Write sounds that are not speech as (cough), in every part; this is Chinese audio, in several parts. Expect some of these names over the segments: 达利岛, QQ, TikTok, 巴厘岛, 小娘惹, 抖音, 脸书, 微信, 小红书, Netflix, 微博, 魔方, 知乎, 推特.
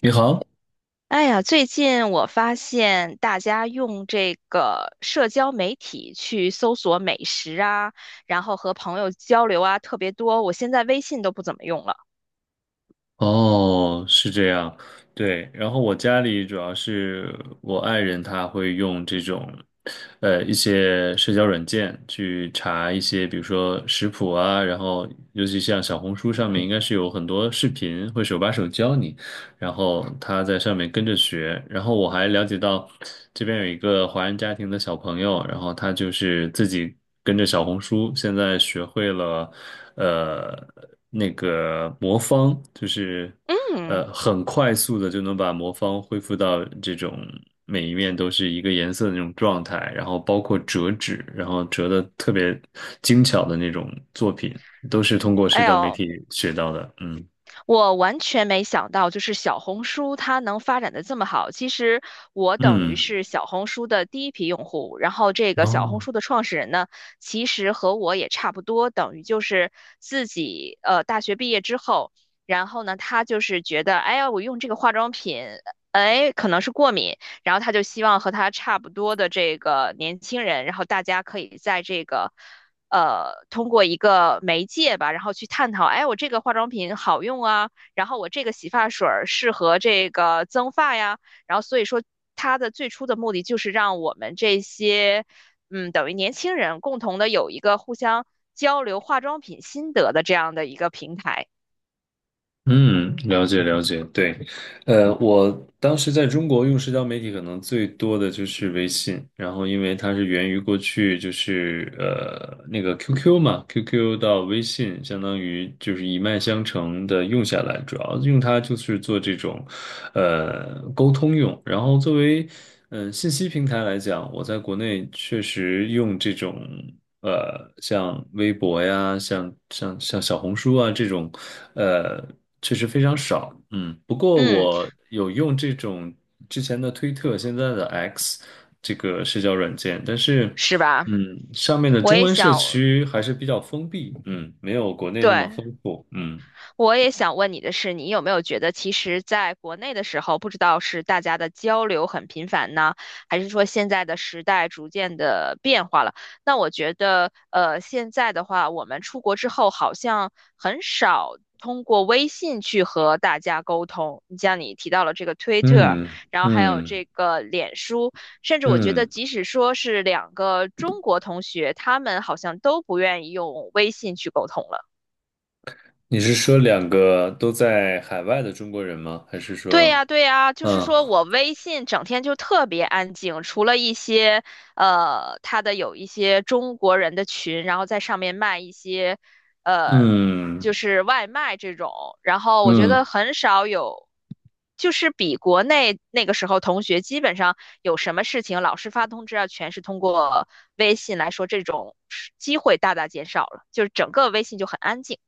你好，哎呀，最近我发现大家用这个社交媒体去搜索美食啊，然后和朋友交流啊，特别多。我现在微信都不怎么用了。哦，是这样，对。然后我家里主要是我爱人他会用这种，一些社交软件去查一些，比如说食谱啊，然后尤其像小红书上面应该是有很多视频会手把手教你。然后他在上面跟着学，然后我还了解到这边有一个华人家庭的小朋友，然后他就是自己跟着小红书，现在学会了呃那个魔方，就是嗯，很快速的就能把魔方恢复到这种每一面都是一个颜色的那种状态，然后包括折纸，然后折的特别精巧的那种作品，都是通过社哎交媒呦，体学到的，嗯我完全没想到，就是小红书它能发展的这么好。其实我等于嗯。是小红书的第一批用户，然后这个小红哦，书的创始人呢，其实和我也差不多，等于就是自己大学毕业之后，然后呢，他就是觉得，哎呀，我用这个化妆品。哎，可能是过敏，然后他就希望和他差不多的这个年轻人，然后大家可以在这个通过一个媒介吧，然后去探讨，哎，我这个化妆品好用啊，然后我这个洗发水儿适合这个增发呀，然后所以说它的最初的目的就是让我们这些，嗯，等于年轻人共同的有一个互相交流化妆品心得的这样的一个平台，嗯，了解了解，对，我当时在中国用社交媒体可能最多的就是微信，然后因为它是源于过去就是那个 QQ 嘛，QQ 到微信相当于就是一脉相承的用下来，主要用它就是做这种沟通用，然后作为信息平台来讲，我在国内确实用这种。像微博呀，像小红书啊这种，呃。确实非常少，嗯，不过嗯，我有用这种之前的推特，现在的 X 这个社交软件，但是，是吧？上面的我中也文社想，区还是比较封闭，没有国内那么对。丰富，嗯我也想问你的是，你有没有觉得，其实在国内的时候，不知道是大家的交流很频繁呢，还是说现在的时代逐渐的变化了？那我觉得，现在的话，我们出国之后好像很少通过微信去和大家沟通。你像你提到了这个推特，嗯然后还有嗯这个脸书，甚至我觉得，嗯，即使说是两个中国同学，他们好像都不愿意用微信去沟通了。你是说两个都在海外的中国人吗？还是对说，呀，对呀，就是嗯说我微信整天就特别安静，除了一些有一些中国人的群，然后在上面卖一些呃，就嗯是外卖这种，然后我觉嗯得很少有，就是比国内那个时候同学基本上有什么事情，老师发通知啊，全是通过微信来说，这种机会大大减少了，就是整个微信就很安静，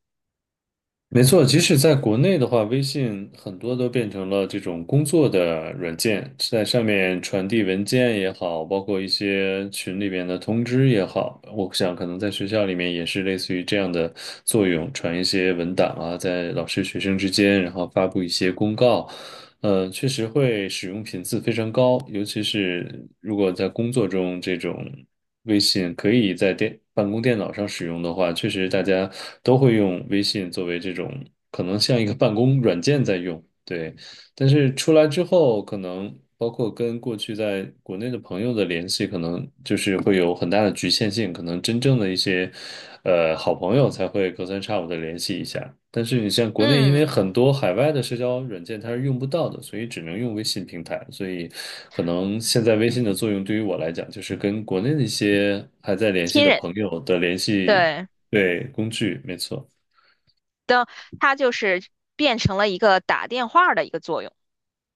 没错，即使在国内的话，微信很多都变成了这种工作的软件，在上面传递文件也好，包括一些群里面的通知也好，我想可能在学校里面也是类似于这样的作用，传一些文档啊，在老师学生之间，然后发布一些公告，确实会使用频次非常高，尤其是如果在工作中这种。微信可以在办公电脑上使用的话，确实大家都会用微信作为这种可能像一个办公软件在用。对。但是出来之后，可能包括跟过去在国内的朋友的联系，可能就是会有很大的局限性，可能真正的一些，好朋友才会隔三差五的联系一下。但是你像国内，因为嗯，很多海外的社交软件它是用不到的，所以只能用微信平台。所以，可能现在微信的作用对于我来讲，就是跟国内的一些还在联系亲的人，朋友的联系，对。对，工具，没错。的它就是变成了一个打电话的一个作用。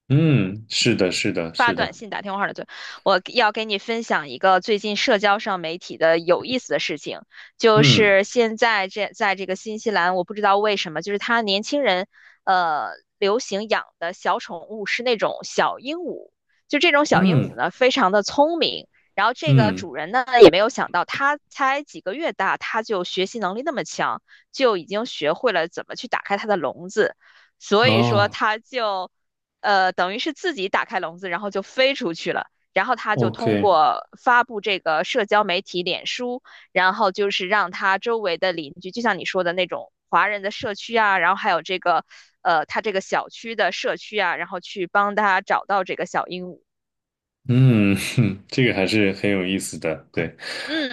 嗯，是的，是的，发是短的，信、打电话的最，我要给你分享一个最近社交上媒体的有意思的事情，就嗯是现在在这个新西兰，我不知道为什么，就是他年轻人呃流行养的小宠物是那种小鹦鹉，就这种小鹦嗯鹉呢，非常的聪明。然后这个嗯。主人呢，也没有想到，它才几个月大，它就学习能力那么强，就已经学会了怎么去打开它的笼子，所以说哦他就等于是自己打开笼子，然后就飞出去了。然后他就通，OK，过发布这个社交媒体脸书，然后就是让他周围的邻居，就像你说的那种华人的社区啊，然后还有这个他这个小区的社区啊，然后去帮他找到这个小鹦鹉。嗯，(laughs) 这个还是很有意思的。对，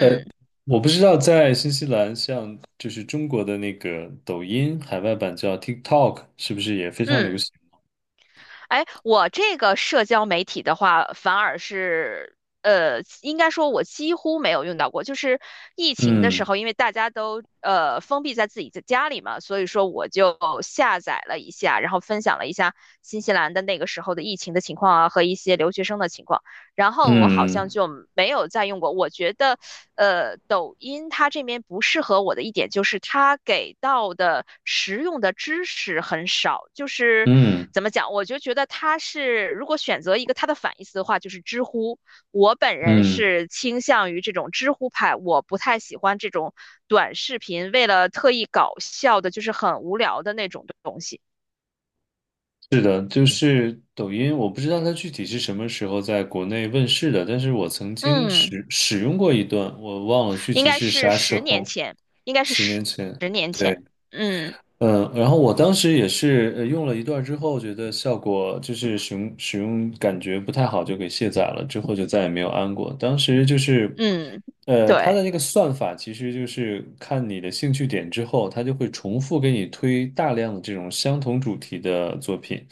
呃，我不知道在新西兰，像就是中国的那个抖音海外版叫 TikTok，是不是也非常流嗯。行？哎，我这个社交媒体的话，反而是，应该说我几乎没有用到过。就是疫情的时嗯候，因为大家都封闭在自己的家里嘛，所以说我就下载了一下，然后分享了一下新西兰的那个时候的疫情的情况啊，和一些留学生的情况。然后我好像嗯就没有再用过。我觉得，抖音它这边不适合我的一点就是它给到的实用的知识很少，就是嗯怎么讲，我就觉得它是如果选择一个它的反义词的话，就是知乎。我本人嗯，是倾向于这种知乎派，我不太喜欢这种短视频为了特意搞笑的，就是很无聊的那种东西。是的，就是抖音，我不知道它具体是什么时候在国内问世的，但是我曾经嗯，使用过一段，我忘了具应体该是是啥时十年候，前，应该是十十年前。十年对。前，嗯。嗯，然后我当时也是用了一段儿之后，觉得效果就是使用感觉不太好，就给卸载了，之后就再也没有安过。当时就是，嗯，它对，的那个算法其实就是看你的兴趣点之后，它就会重复给你推大量的这种相同主题的作品。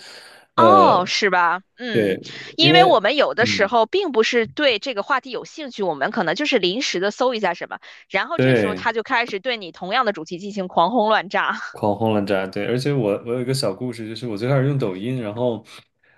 呃，哦，是吧？对，嗯，因因为为，我们有的时嗯，候并不是对这个话题有兴趣，我们可能就是临时的搜一下什么，然后这时候对。他就开始对你同样的主题进行狂轰乱炸。(laughs) 狂轰滥炸，对，而且我有一个小故事，就是我最开始用抖音，然后，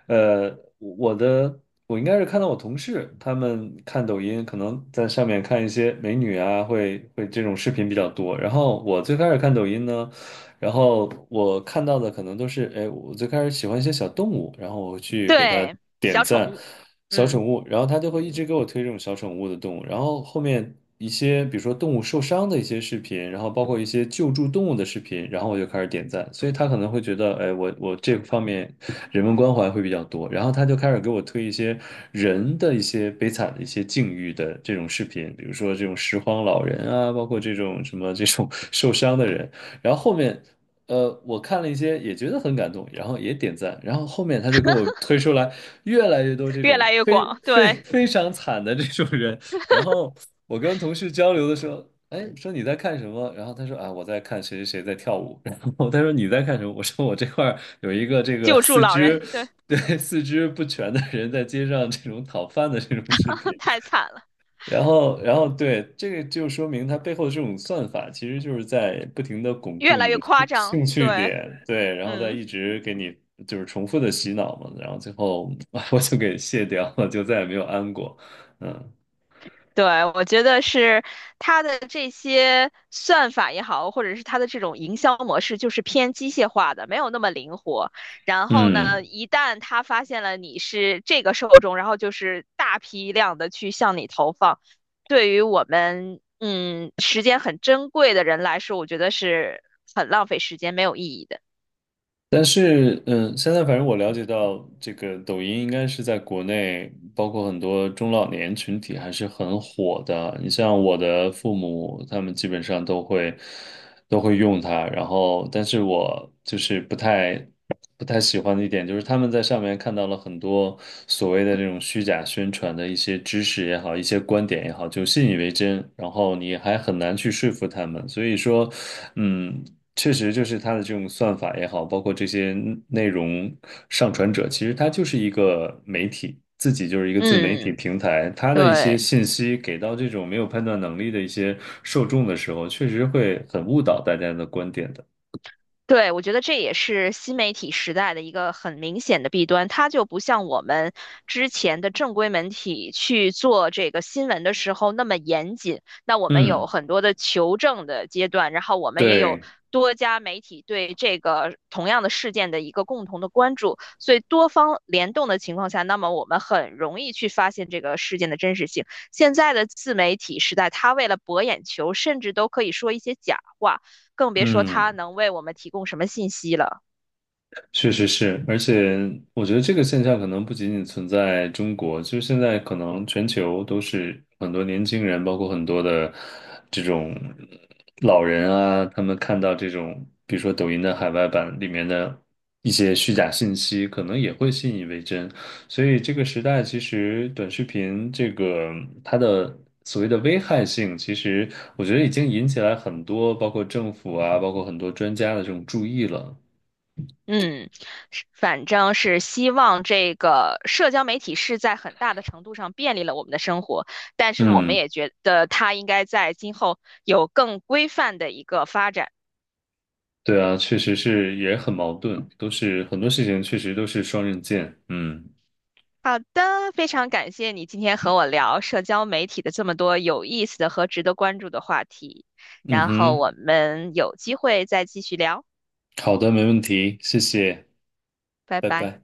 呃，我的我应该是看到我同事他们看抖音，可能在上面看一些美女啊，会这种视频比较多。然后我最开始看抖音呢，然后我看到的可能都是，哎，我最开始喜欢一些小动物，然后我去给它对，点小宠赞，物，小嗯，宠物，然后它就会一直给我推这种小宠物的动物，然后后面一些比如说动物受伤的一些视频，然后包括一些救助动物的视频，然后我就开始点赞，所以他可能会觉得，哎，我这方面人文关怀会比较多，然后他就开始给我推一些人的一些悲惨的一些境遇的这种视频，比如说这种拾荒老人啊，包括这种什么这种 (laughs) 受伤的人。然后后面我看了一些，也觉得很感动，然后也点赞，然后后面他就给我推出来越来越多这越种来越非广，非对，非常惨的这种人，然后我跟同事交流的时候，哎，说你在看什么？然后他说啊，我在看谁谁谁在跳舞，(laughs) 然后他说你在看什么？我说我这块儿有一个这个救助四老人，肢对，对四肢不全的人在街上这种讨饭的这种视频，(laughs) 太惨了，然后，然后对，这个就说明它背后的这种算法，其实就是在不停的巩越固来你越的夸兴张，兴趣对，点，对，然后再嗯。一直给你就是重复的洗脑嘛，然后最后 (laughs) 我就给卸掉了，就再也没有安过，嗯对，我觉得是它的这些算法也好，或者是它的这种营销模式，就是偏机械化的，没有那么灵活。然后呢，嗯。一旦它发现了你是这个受众，然后就是大批量的去向你投放，对于我们嗯时间很珍贵的人来说，我觉得是很浪费时间，没有意义的。但是，嗯，现在反正我了解到，这个抖音应该是在国内，包括很多中老年群体还是很火的。你像我的父母，他们基本上都会用它。然后，但是我就是不太喜欢的一点，就是他们在上面看到了很多所谓的这种虚假宣传的一些知识也好，一些观点也好，就信以为真，然后你还很难去说服他们。所以说，嗯。确实就是它的这种算法也好，包括这些内容上传者，其实它就是一个媒体，自己就是一个自媒体嗯，平台，它的一对。些信息给到这种没有判断能力的一些受众的时候，确实会很误导大家的观点的。对，我觉得这也是新媒体时代的一个很明显的弊端，它就不像我们之前的正规媒体去做这个新闻的时候那么严谨。那我们有嗯，很多的求证的阶段，然后我们也有对，多家媒体对这个同样的事件的一个共同的关注，所以多方联动的情况下，那么我们很容易去发现这个事件的真实性。现在的自媒体时代，它为了博眼球，甚至都可以说一些假话。更别说它嗯。能为我们提供什么信息了。确实是，而且我觉得这个现象可能不仅仅存在中国，就是现在可能全球都是很多年轻人，包括很多的这种老人啊，他们看到这种，比如说抖音的海外版里面的一些虚假信息，可能也会信以为真。所以这个时代其实短视频这个它的所谓的危害性，其实我觉得已经引起来很多，包括政府啊，包括很多专家的这种注意了。嗯，是反正是希望这个社交媒体是在很大的程度上便利了我们的生活，但是我们嗯。也觉得它应该在今后有更规范的一个发展。对啊，确实是也很矛盾，都是很多事情确实都是双刃剑。嗯好的，非常感谢你今天和我聊社交媒体的这么多有意思的和值得关注的话题，嗯然后哼，我们有机会再继续聊，好的，没问题，谢谢，拜拜拜。拜。